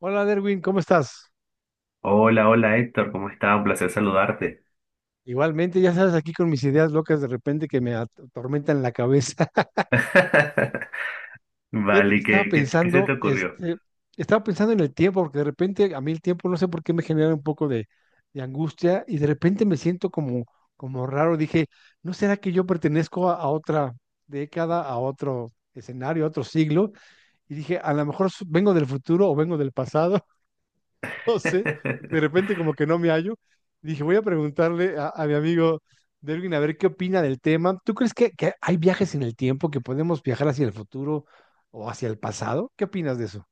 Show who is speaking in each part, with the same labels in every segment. Speaker 1: Hola Derwin, ¿cómo estás?
Speaker 2: Hola, hola Héctor, ¿cómo estás? Un placer saludarte.
Speaker 1: Igualmente, ya sabes, aquí con mis ideas locas de repente que me atormentan la cabeza. Fíjate que
Speaker 2: Vale,
Speaker 1: estaba
Speaker 2: ¿qué se
Speaker 1: pensando,
Speaker 2: te ocurrió?
Speaker 1: este, estaba pensando en el tiempo, porque de repente a mí el tiempo no sé por qué me genera un poco de angustia y de repente me siento como raro. Dije, ¿no será que yo pertenezco a otra década, a otro escenario, a otro siglo? Y dije, a lo mejor vengo del futuro o vengo del pasado. No sé, porque de repente como que no me hallo. Dije, voy a preguntarle a mi amigo Derwin a ver qué opina del tema. ¿Tú crees que hay viajes en el tiempo, que podemos viajar hacia el futuro o hacia el pasado? ¿Qué opinas de eso?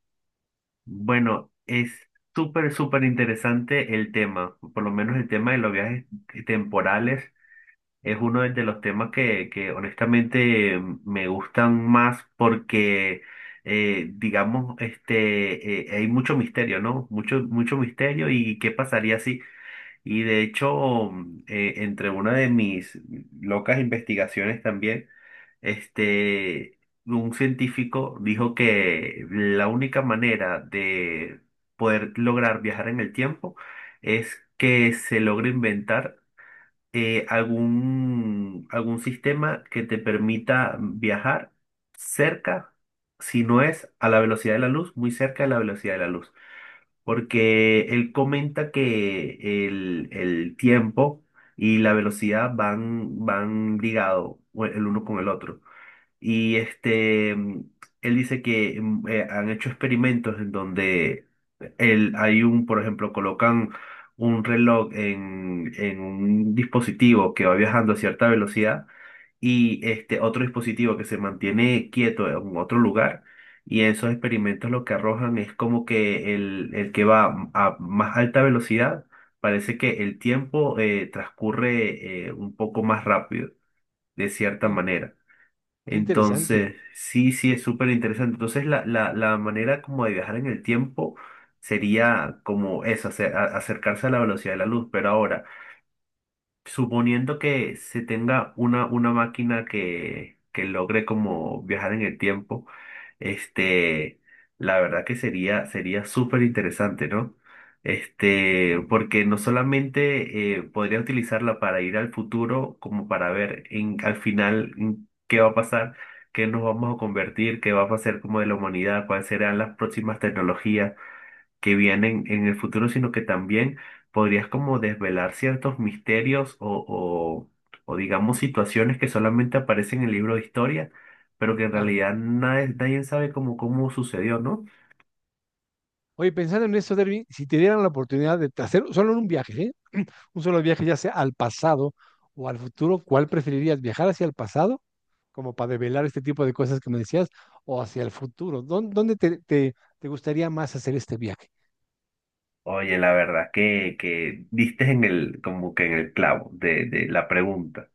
Speaker 2: Bueno, es súper, súper interesante el tema. Por lo menos el tema de los viajes temporales es uno de los temas que honestamente me gustan más porque, digamos, hay mucho misterio, ¿no? Mucho, mucho misterio y qué pasaría si... Y de hecho, entre una de mis locas investigaciones también, este, un científico dijo que la única manera de poder lograr viajar en el tiempo es que se logre inventar algún sistema que te permita viajar cerca, si no es a la velocidad de la luz, muy cerca de la velocidad de la luz, porque él comenta que el tiempo y la velocidad van, van ligados el uno con el otro. Y él dice que han hecho experimentos en donde hay un, por ejemplo, colocan un reloj en un dispositivo que va viajando a cierta velocidad y este otro dispositivo que se mantiene quieto en otro lugar. Y en esos experimentos lo que arrojan es como que el que va a más alta velocidad, parece que el tiempo transcurre un poco más rápido, de cierta
Speaker 1: Sí,
Speaker 2: manera.
Speaker 1: qué interesante.
Speaker 2: Entonces, sí, sí, es súper interesante. Entonces, la manera como de viajar en el tiempo sería como eso, acercarse a la velocidad de la luz. Pero ahora, suponiendo que se tenga una máquina que logre como viajar en el tiempo, este, la verdad que sería, sería súper interesante, ¿no? Porque no solamente podría utilizarla para ir al futuro, como para ver en, al final en qué va a pasar, qué nos vamos a convertir, qué va a pasar como de la humanidad, cuáles serán las próximas tecnologías que vienen en el futuro, sino que también podrías como desvelar ciertos misterios o, o digamos situaciones que solamente aparecen en el libro de historia, pero que en
Speaker 1: Claro.
Speaker 2: realidad nadie, nadie sabe cómo, cómo sucedió, ¿no?
Speaker 1: Oye, pensando en eso, Derwin, si te dieran la oportunidad de hacer solo un viaje, ¿eh? Un solo viaje, ya sea al pasado o al futuro, ¿cuál preferirías? ¿Viajar hacia el pasado, como para develar este tipo de cosas que me decías, o hacia el futuro? ¿Dónde te gustaría más hacer este viaje?
Speaker 2: Oye, la verdad que diste en el, como que en el clavo de la pregunta,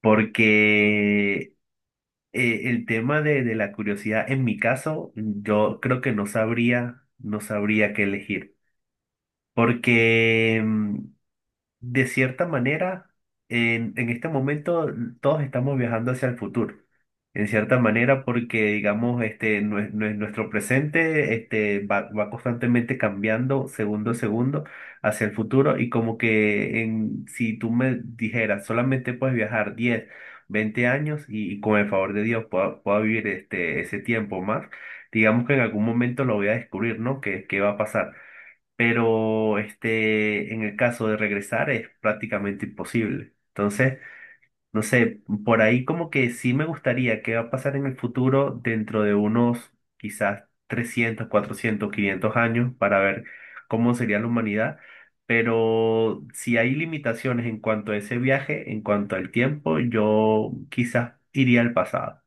Speaker 2: porque el tema de la curiosidad, en mi caso, yo creo que no sabría, no sabría qué elegir, porque de cierta manera, en este momento todos estamos viajando hacia el futuro. En cierta manera, porque digamos, nuestro presente, va, va constantemente cambiando segundo a segundo hacia el futuro, y como que en, si tú me dijeras, solamente puedes viajar 10 o 20 años y con el favor de Dios puedo, puedo vivir ese tiempo más, digamos que en algún momento lo voy a descubrir, ¿no? ¿Qué, qué va a pasar? Pero en el caso de regresar es prácticamente imposible. Entonces, no sé, por ahí como que sí me gustaría qué va a pasar en el futuro dentro de unos quizás 300, 400 o 500 años para ver cómo sería la humanidad. Pero si hay limitaciones en cuanto a ese viaje, en cuanto al tiempo, yo quizás iría al pasado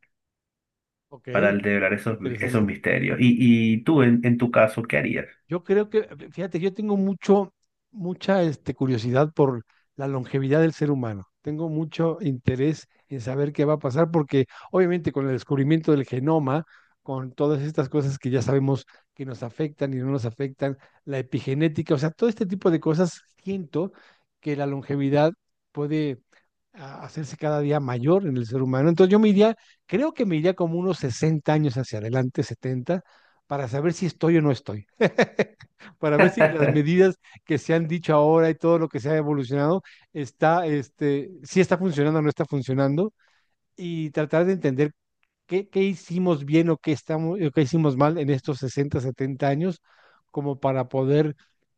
Speaker 1: Ok,
Speaker 2: para develar esos, esos
Speaker 1: interesante.
Speaker 2: misterios. Y tú, en tu caso, ¿qué harías?
Speaker 1: Yo creo que, fíjate, yo tengo mucha curiosidad por la longevidad del ser humano. Tengo mucho interés en saber qué va a pasar, porque obviamente con el descubrimiento del genoma, con todas estas cosas que ya sabemos que nos afectan y no nos afectan, la epigenética, o sea, todo este tipo de cosas, siento que la longevidad puede a hacerse cada día mayor en el ser humano. Entonces yo me iría, creo que me iría como unos 60 años hacia adelante, setenta, para saber si estoy o no estoy, para ver si las medidas que se han dicho ahora y todo lo que se ha evolucionado está, este, si está funcionando o no está funcionando, y tratar de entender qué hicimos bien o qué hicimos mal en estos 60 70 años, como para poder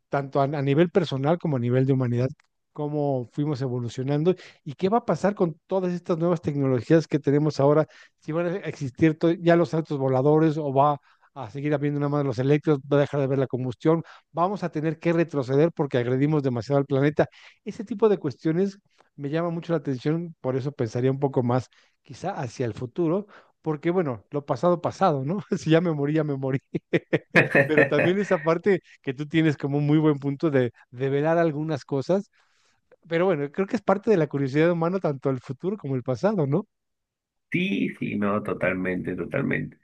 Speaker 1: tanto a nivel personal como a nivel de humanidad, cómo fuimos evolucionando y qué va a pasar con todas estas nuevas tecnologías que tenemos ahora, si van a existir ya los autos voladores o va a seguir habiendo nada más los eléctricos, va a dejar de haber la combustión, vamos a tener que retroceder porque agredimos demasiado al planeta. Ese tipo de cuestiones me llama mucho la atención, por eso pensaría un poco más quizá hacia el futuro. Porque bueno, lo pasado pasado, ¿no? Si ya me morí, ya me morí. Pero también esa parte que tú tienes como un muy buen punto de develar algunas cosas, pero bueno, creo que es parte de la curiosidad humana, tanto el futuro como el pasado, ¿no?
Speaker 2: Sí, sí, no, totalmente, totalmente.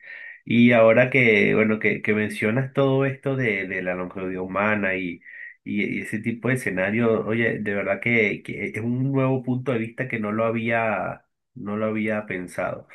Speaker 2: Y ahora que, bueno, que mencionas todo esto de la longevidad humana y, y ese tipo de escenario, oye, de verdad que es un nuevo punto de vista que no lo había, no lo había pensado.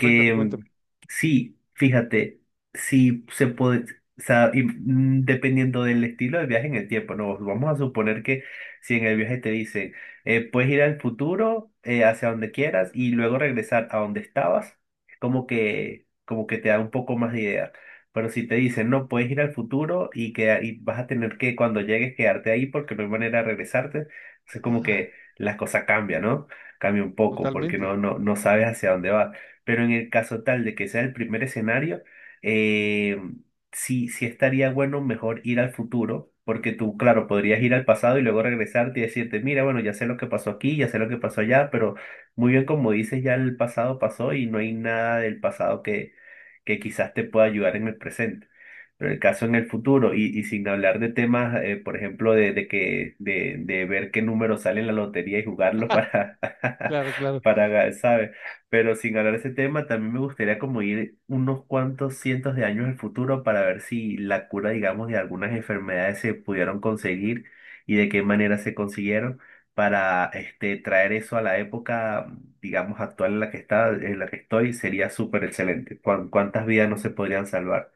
Speaker 1: Cuéntame, cuéntame.
Speaker 2: sí, fíjate, sí se puede, o sea, y, dependiendo del estilo de viaje en el tiempo, no, vamos a suponer que si en el viaje te dicen puedes ir al futuro, hacia donde quieras y luego regresar a donde estabas, como que te da un poco más de idea. Pero si te dicen, no, puedes ir al futuro y, que, y vas a tener que cuando llegues quedarte ahí porque no hay manera de regresarte, es como
Speaker 1: Ah,
Speaker 2: que las cosas cambian, ¿no? Cambia un poco porque
Speaker 1: totalmente.
Speaker 2: no, no, no sabes hacia dónde vas. Pero en el caso tal de que sea el primer escenario, eh, sí, sí estaría bueno mejor ir al futuro, porque tú, claro, podrías ir al pasado y luego regresarte y decirte, mira, bueno, ya sé lo que pasó aquí, ya sé lo que pasó allá, pero muy bien como dices, ya el pasado pasó y no hay nada del pasado que quizás te pueda ayudar en el presente. Pero el caso en el futuro, y sin hablar de temas, por ejemplo, de, de ver qué número sale en la lotería y jugarlo para,
Speaker 1: Claro, claro.
Speaker 2: para, ¿sabes? Pero sin hablar de ese tema, también me gustaría como ir unos cuantos cientos de años al futuro para ver si la cura, digamos, de algunas enfermedades se pudieron conseguir y de qué manera se consiguieron para traer eso a la época, digamos, actual en la que está, en la que estoy, sería súper excelente. Cuántas vidas no se podrían salvar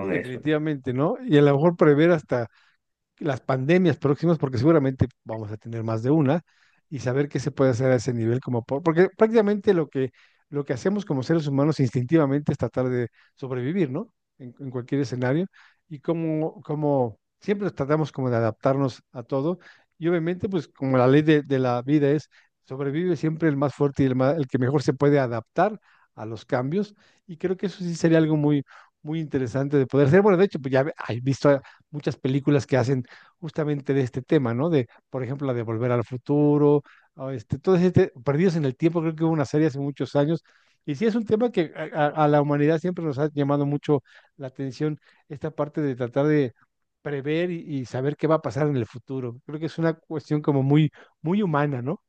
Speaker 1: Sí,
Speaker 2: eso?
Speaker 1: definitivamente, ¿no? Y a lo mejor prever hasta las pandemias próximas, porque seguramente vamos a tener más de una, y saber qué se puede hacer a ese nivel, como porque prácticamente lo que hacemos como seres humanos instintivamente es tratar de sobrevivir, ¿no? En cualquier escenario, y como siempre tratamos como de adaptarnos a todo, y obviamente pues como la ley de la vida es, sobrevive siempre el más fuerte y el que mejor se puede adaptar a los cambios, y creo que eso sí sería algo muy... Muy interesante de poder hacer. Bueno, de hecho, pues ya he visto muchas películas que hacen justamente de este tema, ¿no? De, por ejemplo, la de Volver al Futuro, o este, todo este, Perdidos en el Tiempo, creo que hubo una serie hace muchos años. Y sí, es un tema que a la humanidad siempre nos ha llamado mucho la atención, esta parte de tratar de prever y saber qué va a pasar en el futuro. Creo que es una cuestión como muy, muy humana, ¿no?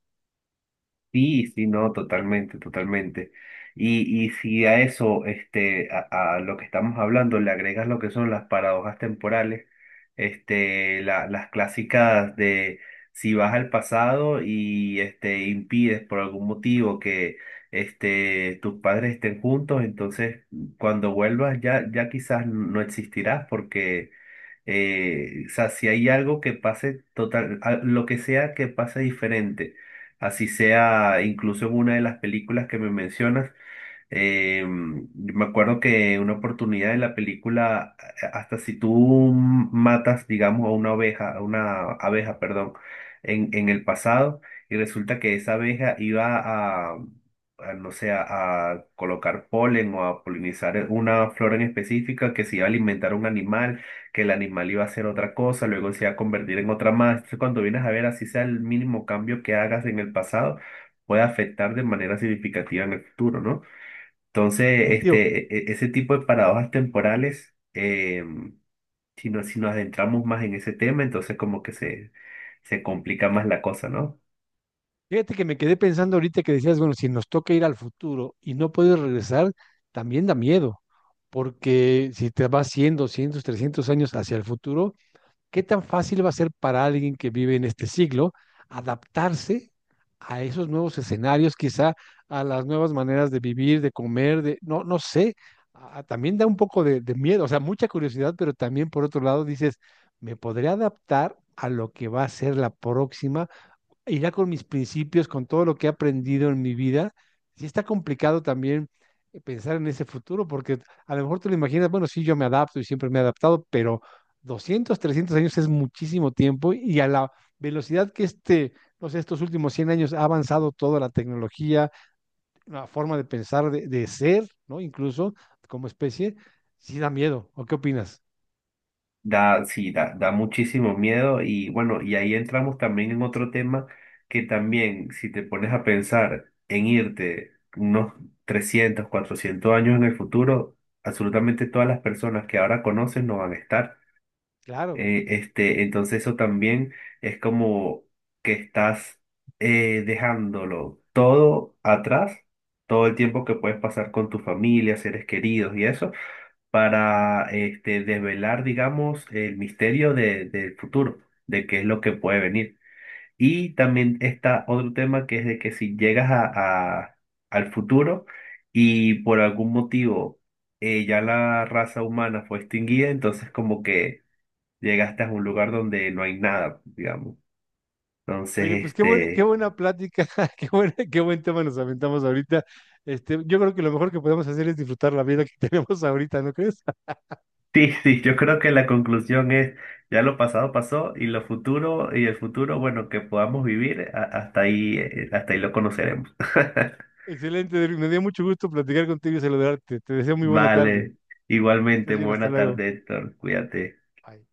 Speaker 2: Sí, sí, no, totalmente, totalmente. Y si a eso, a lo que estamos hablando, le agregas lo que son las paradojas temporales, las clásicas de si vas al pasado y impides por algún motivo que tus padres estén juntos, entonces cuando vuelvas ya, ya quizás no existirás, porque o sea, si hay algo que pase total, lo que sea que pase diferente, así sea incluso en una de las películas que me mencionas, eh, me acuerdo que una oportunidad de la película, hasta si tú matas, digamos, a una oveja, a una abeja, perdón, en el pasado, y resulta que esa abeja iba a, no sé, a colocar polen o a polinizar una flor en específica, que se iba a alimentar un animal, que el animal iba a hacer otra cosa, luego se iba a convertir en otra más. Entonces, cuando vienes a ver, así sea el mínimo cambio que hagas en el pasado, puede afectar de manera significativa en el futuro, ¿no? Entonces,
Speaker 1: Definitivo.
Speaker 2: ese tipo de paradojas temporales, si si nos adentramos más en ese tema, entonces como que se complica más la cosa, ¿no?
Speaker 1: Fíjate que me quedé pensando ahorita que decías, bueno, si nos toca ir al futuro y no puedes regresar, también da miedo, porque si te vas 100, 200, 300 años hacia el futuro, ¿qué tan fácil va a ser para alguien que vive en este siglo adaptarse a esos nuevos escenarios, quizá a las nuevas maneras de vivir, de comer, de, no, no sé, a- también da un poco de miedo, o sea, mucha curiosidad, pero también por otro lado dices, me podré adaptar a lo que va a ser la próxima y ya con mis principios, con todo lo que he aprendido en mi vida, sí está complicado también, pensar en ese futuro, porque a lo mejor te lo imaginas, bueno, sí, yo me adapto y siempre me he adaptado, pero 200, 300 años es muchísimo tiempo y a la velocidad que este, no sé, estos últimos 100 años ha avanzado toda la tecnología, la forma de pensar, de ser, ¿no? Incluso como especie, sí da miedo. ¿O qué opinas?
Speaker 2: Da, sí, da, da muchísimo miedo. Y bueno, y ahí entramos también en otro tema que también, si te pones a pensar en irte unos 300 o 400 años en el futuro, absolutamente todas las personas que ahora conoces no van a estar.
Speaker 1: Claro.
Speaker 2: Entonces eso también es como que estás dejándolo todo atrás, todo el tiempo que puedes pasar con tu familia, seres queridos y eso, para desvelar, digamos, el misterio del futuro, de qué es lo que puede venir. Y también está otro tema que es de que si llegas a, a- al futuro y por algún motivo ya la raza humana fue extinguida, entonces como que llegaste a un lugar donde no hay nada, digamos. Entonces,
Speaker 1: Oye, pues qué buena plática, qué buen tema nos aventamos ahorita. Este, yo creo que lo mejor que podemos hacer es disfrutar la vida que tenemos ahorita, ¿no crees?
Speaker 2: sí, sí, yo creo que la conclusión es, ya lo pasado pasó y el futuro, bueno, que podamos vivir, hasta ahí lo conoceremos.
Speaker 1: Excelente, Derrick, me dio mucho gusto platicar contigo y saludarte. Te deseo muy buena tarde.
Speaker 2: Vale,
Speaker 1: Que
Speaker 2: igualmente,
Speaker 1: estés bien, hasta
Speaker 2: buena
Speaker 1: luego.
Speaker 2: tarde, Héctor, cuídate.
Speaker 1: Bye.